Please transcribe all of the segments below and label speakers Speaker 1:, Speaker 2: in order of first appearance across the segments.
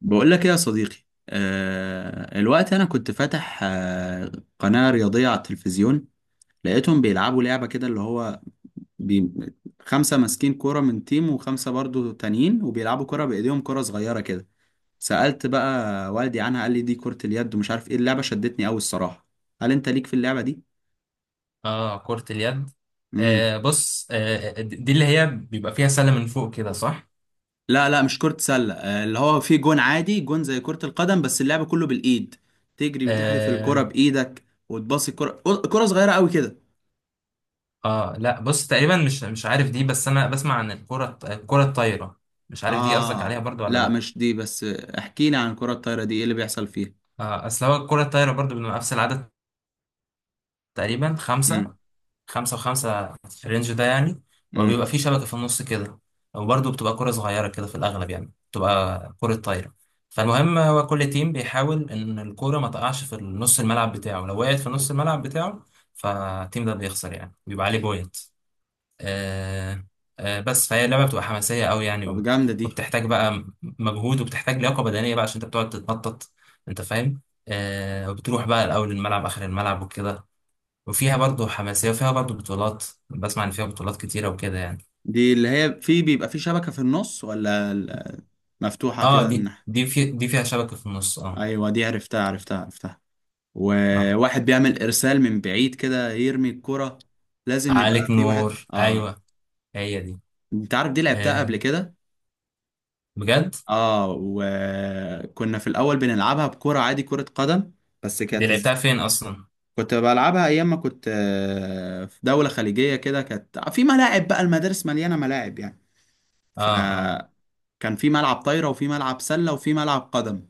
Speaker 1: بقول لك ايه يا صديقي. الوقت انا كنت فاتح قناة رياضية على التلفزيون. لقيتهم بيلعبوا لعبة كده، اللي هو بي... خمسة ماسكين كرة من تيم وخمسة برضو تانيين، وبيلعبوا كرة بإيديهم، كرة صغيرة كده. سألت بقى والدي عنها، قال لي دي كرة اليد، ومش عارف ايه اللعبة، شدتني قوي الصراحة. هل انت ليك في اللعبة دي؟
Speaker 2: اه، كرة اليد.
Speaker 1: امم.
Speaker 2: بص، دي اللي هي بيبقى فيها سلة من فوق كده، صح؟
Speaker 1: لا لا، مش كرة سلة، آه، اللي هو في جون عادي، جون زي كرة القدم، بس اللعبة كله بالإيد، تجري وتحدف الكرة
Speaker 2: آه.
Speaker 1: بإيدك، وتباصي الكرة، كرة صغيرة قوي كده.
Speaker 2: اه، لا. بص، تقريبا مش عارف دي. بس انا بسمع عن الكرة الطايرة. مش عارف دي قصدك عليها
Speaker 1: اه
Speaker 2: برضو ولا
Speaker 1: لا،
Speaker 2: لا.
Speaker 1: مش دي، بس احكي لي عن الكرة الطايرة دي، ايه اللي بيحصل فيها؟
Speaker 2: اصل هو الكرة الطايرة برضو بنبقى نفس العدد تقريبا خمسة.
Speaker 1: امم.
Speaker 2: خمسة وخمسة في الرينج ده يعني. وبيبقى
Speaker 1: امم.
Speaker 2: في شبكة في النص كده. وبرضه بتبقى كرة صغيرة كده في الأغلب، يعني بتبقى كرة طايرة. فالمهم هو كل تيم بيحاول إن الكورة ما تقعش في نص الملعب بتاعه، لو وقعت في نص الملعب بتاعه فالتيم ده بيخسر، يعني بيبقى عليه بوينت. آه. بس فهي اللعبة بتبقى حماسية أوي يعني،
Speaker 1: طب جامدة دي.
Speaker 2: وبتحتاج بقى مجهود، وبتحتاج لياقة بدنية بقى عشان أنت بتقعد تتنطط، أنت فاهم. وبتروح بقى الأول الملعب آخر الملعب وكده. وفيها برضو حماسية وفيها برضو بطولات. بسمع إن فيها بطولات كتيرة وكده يعني.
Speaker 1: دي اللي هي في بيبقى في شبكة في النص ولا مفتوحة
Speaker 2: اه،
Speaker 1: كده من
Speaker 2: دي
Speaker 1: ناحية؟
Speaker 2: دي في دي فيها شبكة في النص، اه.
Speaker 1: ايوه، دي عرفتها عرفتها عرفتها،
Speaker 2: اه،
Speaker 1: وواحد بيعمل ارسال من بعيد كده، يرمي الكرة، لازم يبقى
Speaker 2: عليك
Speaker 1: في واحد،
Speaker 2: نور.
Speaker 1: اه.
Speaker 2: أيوة، هي دي.
Speaker 1: انت عارف دي لعبتها
Speaker 2: آه.
Speaker 1: قبل كده؟
Speaker 2: بجد؟
Speaker 1: اه، وكنا في الاول بنلعبها بكرة عادي كرة قدم، بس
Speaker 2: دي
Speaker 1: كانت.
Speaker 2: لعبتها فين أصلا؟
Speaker 1: كنت بلعبها ايام ما كنت في دولة خليجية كده، كانت في ملاعب بقى، المدارس مليانة ملاعب يعني،
Speaker 2: اه، اه،
Speaker 1: فكان في ملعب طايرة وفي ملعب سلة وفي ملعب قدم.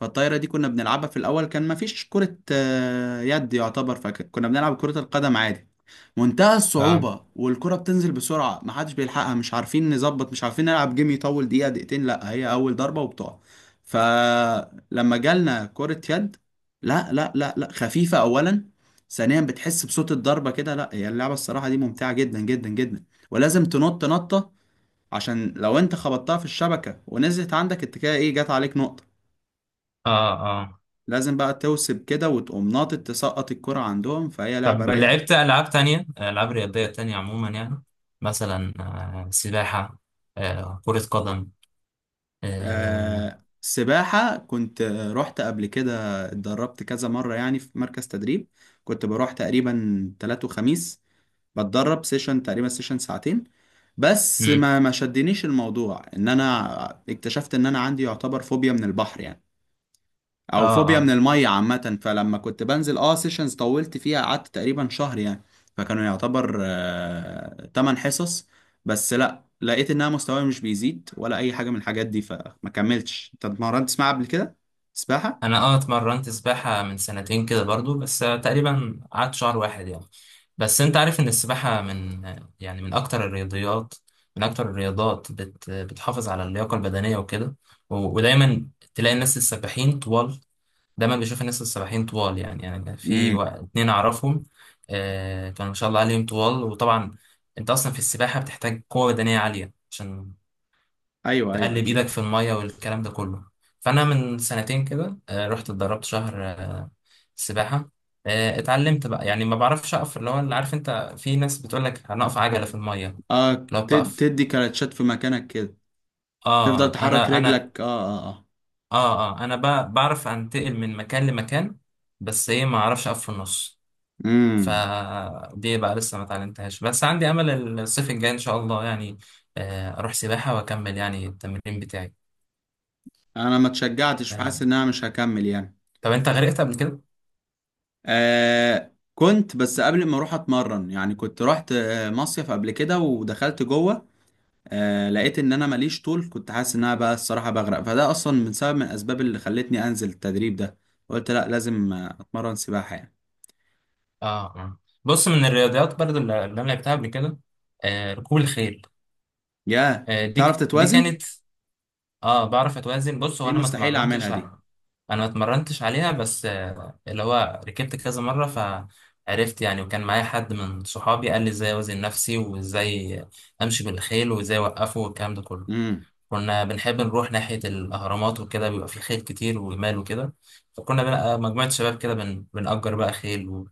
Speaker 1: فالطايرة دي كنا بنلعبها في الأول، كان مفيش كرة يد يعتبر، فكنا بنلعب كرة القدم عادي. منتهى
Speaker 2: اه،
Speaker 1: الصعوبة، والكرة بتنزل بسرعة، محدش بيلحقها، مش عارفين نظبط، مش عارفين نلعب، جيم يطول دقيقة دقيقتين لا، هي أول ضربة وبتقع. فلما جالنا كرة يد، لا لا لا لا، خفيفة أولا، ثانيا بتحس بصوت الضربة كده، لا، هي اللعبة الصراحة دي ممتعة جدا جدا جدا. ولازم تنط نطة عشان لو انت خبطتها في الشبكة ونزلت عندك انت كده، ايه، جات عليك نقطة.
Speaker 2: اه، اه.
Speaker 1: لازم بقى توسب كده وتقوم ناطط، تسقط الكرة عندهم، فهي لعبة
Speaker 2: طب،
Speaker 1: رايقة يعني.
Speaker 2: لعبت ألعاب تانية، ألعاب رياضية تانية عموما يعني، مثلا سباحة، كرة قدم. اه.
Speaker 1: آه، سباحة كنت رحت قبل كده، اتدربت كذا مرة يعني في مركز تدريب. كنت بروح تقريبا تلات وخميس، بتدرب سيشن، تقريبا سيشن ساعتين. بس
Speaker 2: مم.
Speaker 1: ما شدنيش الموضوع، ان انا اكتشفت ان انا عندي يعتبر فوبيا من البحر يعني،
Speaker 2: اه.
Speaker 1: او فوبيا من
Speaker 2: آه.
Speaker 1: الميه عامه. فلما كنت بنزل سيشنز، طولت فيها، قعدت تقريبا شهر يعني، فكانوا يعتبر 8 حصص. بس لا، لقيت انها مستواي مش بيزيد ولا اي حاجه من الحاجات دي، فما كملتش. انت اتمرنت سباحه قبل كده؟ سباحه؟
Speaker 2: انا اتمرنت سباحة من سنتين كده برضو، بس تقريبا قعدت شهر واحد يعني. بس انت عارف ان السباحة من، يعني، من اكتر الرياضيات، من اكتر الرياضات بتحافظ على اللياقة البدنية وكده، ودايما تلاقي الناس السباحين طوال. دايما بشوف الناس السباحين طوال، يعني، في
Speaker 1: امم.
Speaker 2: اتنين اعرفهم. كانوا ما شاء الله عليهم طوال. وطبعا انت اصلا في السباحة بتحتاج قوة بدنية عالية عشان
Speaker 1: ايوه ايوه
Speaker 2: تقلب
Speaker 1: اكيد.
Speaker 2: ايدك في الميه والكلام ده كله. فانا من سنتين كده رحت اتدربت شهر سباحه. اتعلمت بقى يعني، ما بعرفش اقف، اللي هو اللي عارف انت، في ناس بتقول لك هنقف عجله في الميه
Speaker 1: اه،
Speaker 2: لو بتقف.
Speaker 1: تدي كلاتشات في مكانك كده، تفضل
Speaker 2: اه،
Speaker 1: تحرك
Speaker 2: انا.
Speaker 1: رجلك، اه. اه اه.
Speaker 2: اه، اه، انا بعرف انتقل من مكان لمكان، بس ايه، ما اعرفش اقف في النص.
Speaker 1: امم.
Speaker 2: فدي بقى لسه ما اتعلمتهاش، بس عندي امل الصيف الجاي ان شاء الله يعني اروح سباحه واكمل يعني التمرين بتاعي.
Speaker 1: انا ما اتشجعتش،
Speaker 2: آه.
Speaker 1: فحاسس ان انا مش هكمل يعني.
Speaker 2: طب انت غرقت قبل كده؟
Speaker 1: كنت، بس قبل ما اروح اتمرن يعني كنت رحت مصيف قبل كده ودخلت جوه، لقيت ان انا ماليش طول، كنت حاسس ان انا بقى الصراحه بغرق، فده اصلا من سبب من الاسباب اللي خلتني انزل التدريب ده، قلت لا، لازم اتمرن سباحه يعني.
Speaker 2: اه. آه. بص، من الرياضيات برضو اللي انا لعبتها قبل كده ركوب الخيل.
Speaker 1: يا تعرف
Speaker 2: دي
Speaker 1: تتوازن؟
Speaker 2: كانت، اه، بعرف اتوازن. بص، هو
Speaker 1: دي
Speaker 2: انا ما
Speaker 1: مستحيل اعملها
Speaker 2: اتمرنتش
Speaker 1: دي.
Speaker 2: على، انا ما اتمرنتش عليها، بس اللي هو ركبت كذا مره فعرفت يعني، وكان معايا حد من صحابي قال لي ازاي اوزن نفسي وازاي امشي بالخيل وازاي اوقفه والكلام ده كله.
Speaker 1: امم.
Speaker 2: كنا بنحب نروح ناحيه الاهرامات وكده، بيبقى في خيل كتير وجمال وكده، فكنا بقى مجموعه شباب كده بنأجر بقى خيل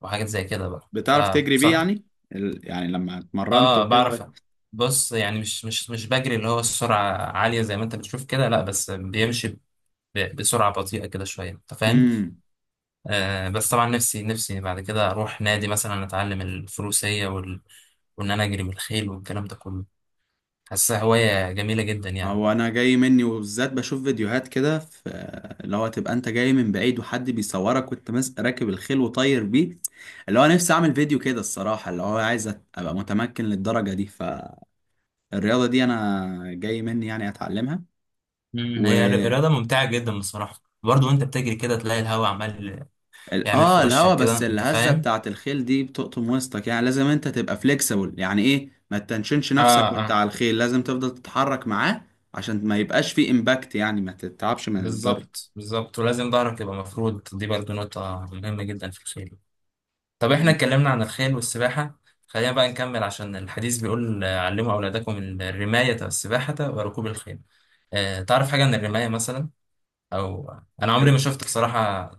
Speaker 2: وحاجات زي كده بقى
Speaker 1: بتعرف تجري بيه
Speaker 2: فبصراحه.
Speaker 1: يعني؟ يعني لما اتمرنت
Speaker 2: اه، بعرف.
Speaker 1: وكده.
Speaker 2: بص، يعني مش بجري اللي هو السرعة عالية زي ما انت بتشوف كده، لا بس بيمشي بسرعة بطيئة كده شوية، انت فاهم.
Speaker 1: امم.
Speaker 2: بس طبعا نفسي نفسي بعد كده اروح نادي مثلا، اتعلم الفروسية وان انا اجري بالخيل والكلام ده كله. حاسسها هواية جميلة جدا يعني.
Speaker 1: هو انا جاي مني، وبالذات بشوف فيديوهات كده، في اللي هو تبقى انت جاي من بعيد وحد بيصورك وانت ماسك راكب الخيل وطاير بيه، اللي هو نفسي اعمل فيديو كده الصراحة، اللي هو عايز ابقى متمكن للدرجة دي، فالرياضة دي انا جاي مني يعني اتعلمها. و
Speaker 2: هي رياضة ممتعة جدا بصراحة برضه. وانت بتجري كده تلاقي الهواء عمال يعمل في
Speaker 1: الهوا،
Speaker 2: وشك كده،
Speaker 1: بس
Speaker 2: انت
Speaker 1: الهزة
Speaker 2: فاهم.
Speaker 1: بتاعت الخيل دي بتقطم وسطك يعني، لازم انت تبقى فليكسبل يعني، ايه، ما تنشنش
Speaker 2: اه،
Speaker 1: نفسك وانت
Speaker 2: اه.
Speaker 1: على الخيل، لازم تفضل تتحرك معاه عشان ما يبقاش فيه امباكت، يعني ما تتعبش من الضرب.
Speaker 2: بالظبط، بالظبط، ولازم ظهرك يبقى مفرود، دي برضه نقطة مهمة جدا في الخيل. طب احنا اتكلمنا عن الخيل والسباحة، خلينا بقى نكمل عشان الحديث بيقول علموا أولادكم الرماية والسباحة وركوب الخيل. اه، تعرف حاجة عن الرماية مثلا؟ أو، أنا عمري ما
Speaker 1: امم.
Speaker 2: شفت بصراحة،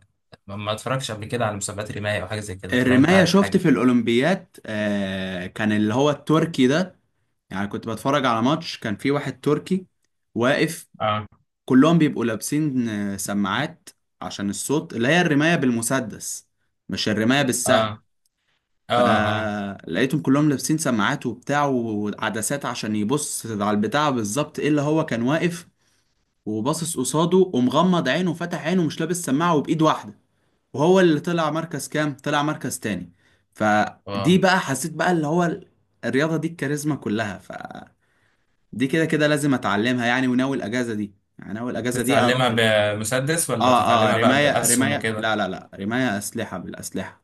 Speaker 2: ما اتفرجتش قبل كده على مسابقات رماية أو حاجة زي كده، فلو أنت
Speaker 1: الرماية
Speaker 2: عارف
Speaker 1: شفت
Speaker 2: حاجة.
Speaker 1: في الأولمبيات، كان اللي هو التركي ده، يعني كنت بتفرج على ماتش، كان في واحد تركي واقف،
Speaker 2: اه،
Speaker 1: كلهم بيبقوا لابسين سماعات عشان الصوت، اللي هي الرماية بالمسدس، مش الرماية بالسهم.
Speaker 2: اه، اه، اه.
Speaker 1: فلقيتهم كلهم لابسين سماعات وبتاع وعدسات عشان يبص على البتاع بالظبط، ايه اللي هو كان واقف وباصص قصاده ومغمض عينه وفتح عينه، مش لابس سماعة وبإيد واحدة، وهو اللي طلع مركز كام، طلع مركز تاني.
Speaker 2: واو.
Speaker 1: فدي بقى حسيت بقى اللي هو الرياضة دي الكاريزما كلها فدي، كده كده لازم اتعلمها يعني، وناوي الاجازة دي، يعني ناوي الاجازة دي
Speaker 2: بتتعلمها
Speaker 1: اروح
Speaker 2: بمسدس ولا
Speaker 1: اه اه،
Speaker 2: بتتعلمها بقى
Speaker 1: رماية
Speaker 2: بأسهم
Speaker 1: رماية،
Speaker 2: وكده؟
Speaker 1: لا لا لا، رماية اسلحة، بالاسلحة،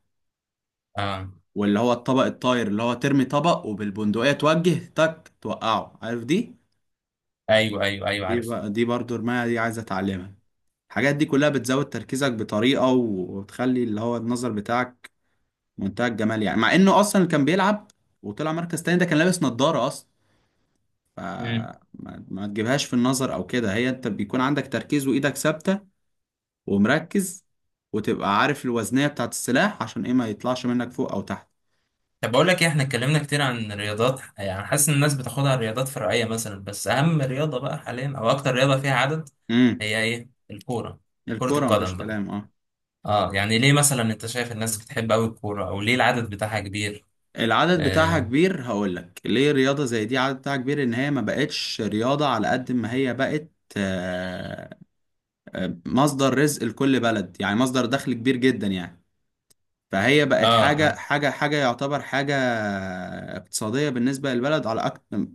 Speaker 2: اه.
Speaker 1: واللي هو الطبق الطاير اللي هو ترمي طبق وبالبندقية توجه تك توقعه، عارف دي؟
Speaker 2: ايوه، ايوه، ايوه،
Speaker 1: دي
Speaker 2: عارف.
Speaker 1: بقى دي برضو رماية، دي عايز اتعلمها. الحاجات دي كلها بتزود تركيزك بطريقة، وتخلي اللي هو النظر بتاعك منتهى الجمال يعني، مع انه اصلا اللي كان بيلعب وطلع مركز تاني ده كان لابس نظارة اصلا، فما ما تجيبهاش في النظر او كده، هي انت بيكون عندك تركيز وايدك ثابتة ومركز، وتبقى عارف الوزنية بتاعت السلاح عشان ايه ما يطلعش منك فوق او تحت.
Speaker 2: طب بقول لك ايه، احنا اتكلمنا كتير عن الرياضات يعني، حاسس ان الناس بتاخدها الرياضات فرعيه مثلا، بس اهم رياضه بقى حاليا او اكتر رياضه فيها عدد،
Speaker 1: امم.
Speaker 2: هي ايه؟ الكوره، كره
Speaker 1: الكورة مفيش
Speaker 2: القدم بقى.
Speaker 1: كلام، اه.
Speaker 2: اه، يعني ليه مثلا انت شايف الناس بتحب قوي الكوره، او ليه العدد بتاعها كبير؟
Speaker 1: العدد بتاعها
Speaker 2: اه،
Speaker 1: كبير، هقول لك ليه رياضة زي دي عدد بتاعها كبير، ان هي ما بقتش رياضة على قد ما هي بقت آه، مصدر رزق لكل بلد يعني، مصدر دخل كبير جدا يعني، فهي بقت
Speaker 2: اه،
Speaker 1: حاجة
Speaker 2: آه.
Speaker 1: حاجة حاجة يعتبر حاجة اقتصادية بالنسبة للبلد على أكتر،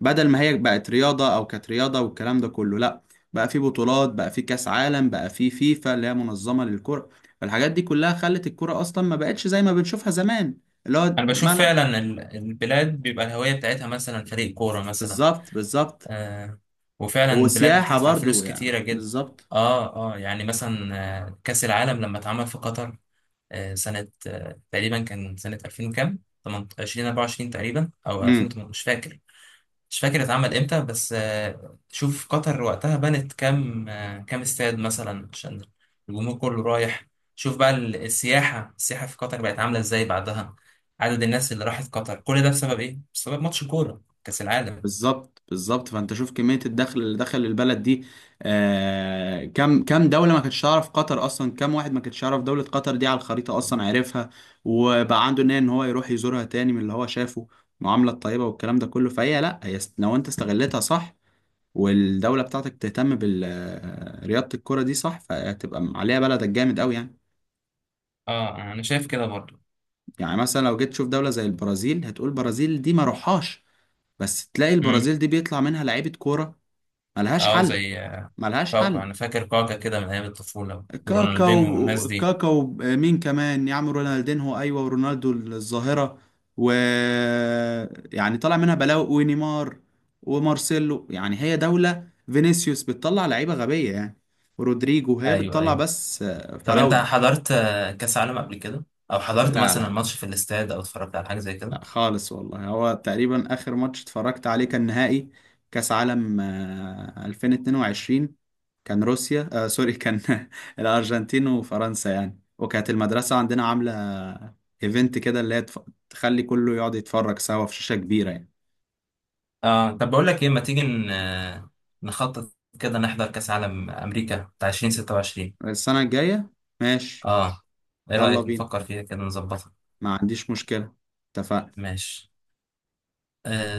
Speaker 1: بدل ما هي بقت رياضة أو كانت رياضة والكلام ده كله، لأ، بقى في بطولات، بقى في كأس عالم، بقى في فيفا اللي هي منظمة للكرة، فالحاجات دي كلها خلت الكرة أصلا ما بقتش زي ما بنشوفها زمان، اللي هو
Speaker 2: انا بشوف
Speaker 1: ملعب.
Speaker 2: فعلا البلاد بيبقى الهويه بتاعتها مثلا فريق كوره مثلا.
Speaker 1: بالظبط بالظبط.
Speaker 2: آه. وفعلا البلاد
Speaker 1: وسياحة
Speaker 2: بتدفع
Speaker 1: برضو
Speaker 2: فلوس
Speaker 1: يعني،
Speaker 2: كتيره جدا.
Speaker 1: بالظبط.
Speaker 2: اه، اه، يعني مثلا كاس العالم لما اتعمل في قطر سنة تقريبا كان سنة 2000 وكام، 20 24 تقريبا أو
Speaker 1: مم.
Speaker 2: 2008، مش فاكر. مش فاكر اتعمل امتى، بس شوف قطر وقتها بنت كام كام استاد مثلا عشان الجمهور كله رايح. شوف بقى السياحة في قطر بقت عاملة ازاي بعدها، عدد الناس اللي راحت قطر، كل ده بسبب ايه؟ بسبب ماتش كورة كأس العالم.
Speaker 1: بالظبط بالظبط، فانت شوف كميه الدخل اللي دخل البلد دي، كم كم دوله ما كانتش تعرف قطر اصلا، كم واحد ما كانتش يعرف دوله قطر دي على الخريطه اصلا، عارفها وبقى عنده نيه ان هو يروح يزورها تاني من اللي هو شافه المعامله الطيبه والكلام ده كله، فهي لا هي لو انت استغلتها صح، والدوله بتاعتك تهتم برياضه الكره دي صح، فهتبقى عليها بلدك جامد قوي يعني.
Speaker 2: اه، انا شايف كده برضو.
Speaker 1: يعني مثلا لو جيت تشوف دوله زي البرازيل هتقول البرازيل دي ما روحهاش، بس تلاقي
Speaker 2: امم.
Speaker 1: البرازيل دي بيطلع منها لعيبه كوره ملهاش
Speaker 2: اه،
Speaker 1: حل.
Speaker 2: زي
Speaker 1: ملهاش
Speaker 2: كاكا.
Speaker 1: حل.
Speaker 2: انا فاكر كاكا كده من ايام الطفولة،
Speaker 1: كاكا.
Speaker 2: ورونالدينو والناس دي.
Speaker 1: كاكا. مين كمان يا عم، رونالدينهو، ايوه، ورونالدو الظاهره، و يعني طلع منها بلاوي، ونيمار ومارسيلو يعني، هي دوله فينيسيوس بتطلع لعيبه غبيه يعني، ورودريجو، هي
Speaker 2: ايوه،
Speaker 1: بتطلع
Speaker 2: ايوه.
Speaker 1: بس
Speaker 2: طب انت
Speaker 1: فراوده.
Speaker 2: حضرت كاس عالم قبل كده، او حضرت
Speaker 1: لا
Speaker 2: مثلا
Speaker 1: لا
Speaker 2: ماتش في الاستاد، او اتفرجت على حاجه زي كده؟
Speaker 1: لا خالص والله، هو تقريبا آخر ماتش اتفرجت عليه كان نهائي كأس عالم 2022، كان روسيا سوري، كان الأرجنتين وفرنسا يعني، وكانت المدرسة عندنا عاملة ايفنت كده اللي هي تخلي كله يقعد يتفرج سوا في شاشة كبيرة يعني.
Speaker 2: اه. طب بقول لك ايه، ما تيجي نخطط كده نحضر كاس عالم امريكا بتاع 2026؟
Speaker 1: السنة الجاية. ماشي.
Speaker 2: اه. ايه
Speaker 1: يلا
Speaker 2: رايك؟
Speaker 1: بينا،
Speaker 2: نفكر فيها كده، نظبطها.
Speaker 1: ما عنديش مشكلة، اتفقنا.
Speaker 2: ماشي. آه.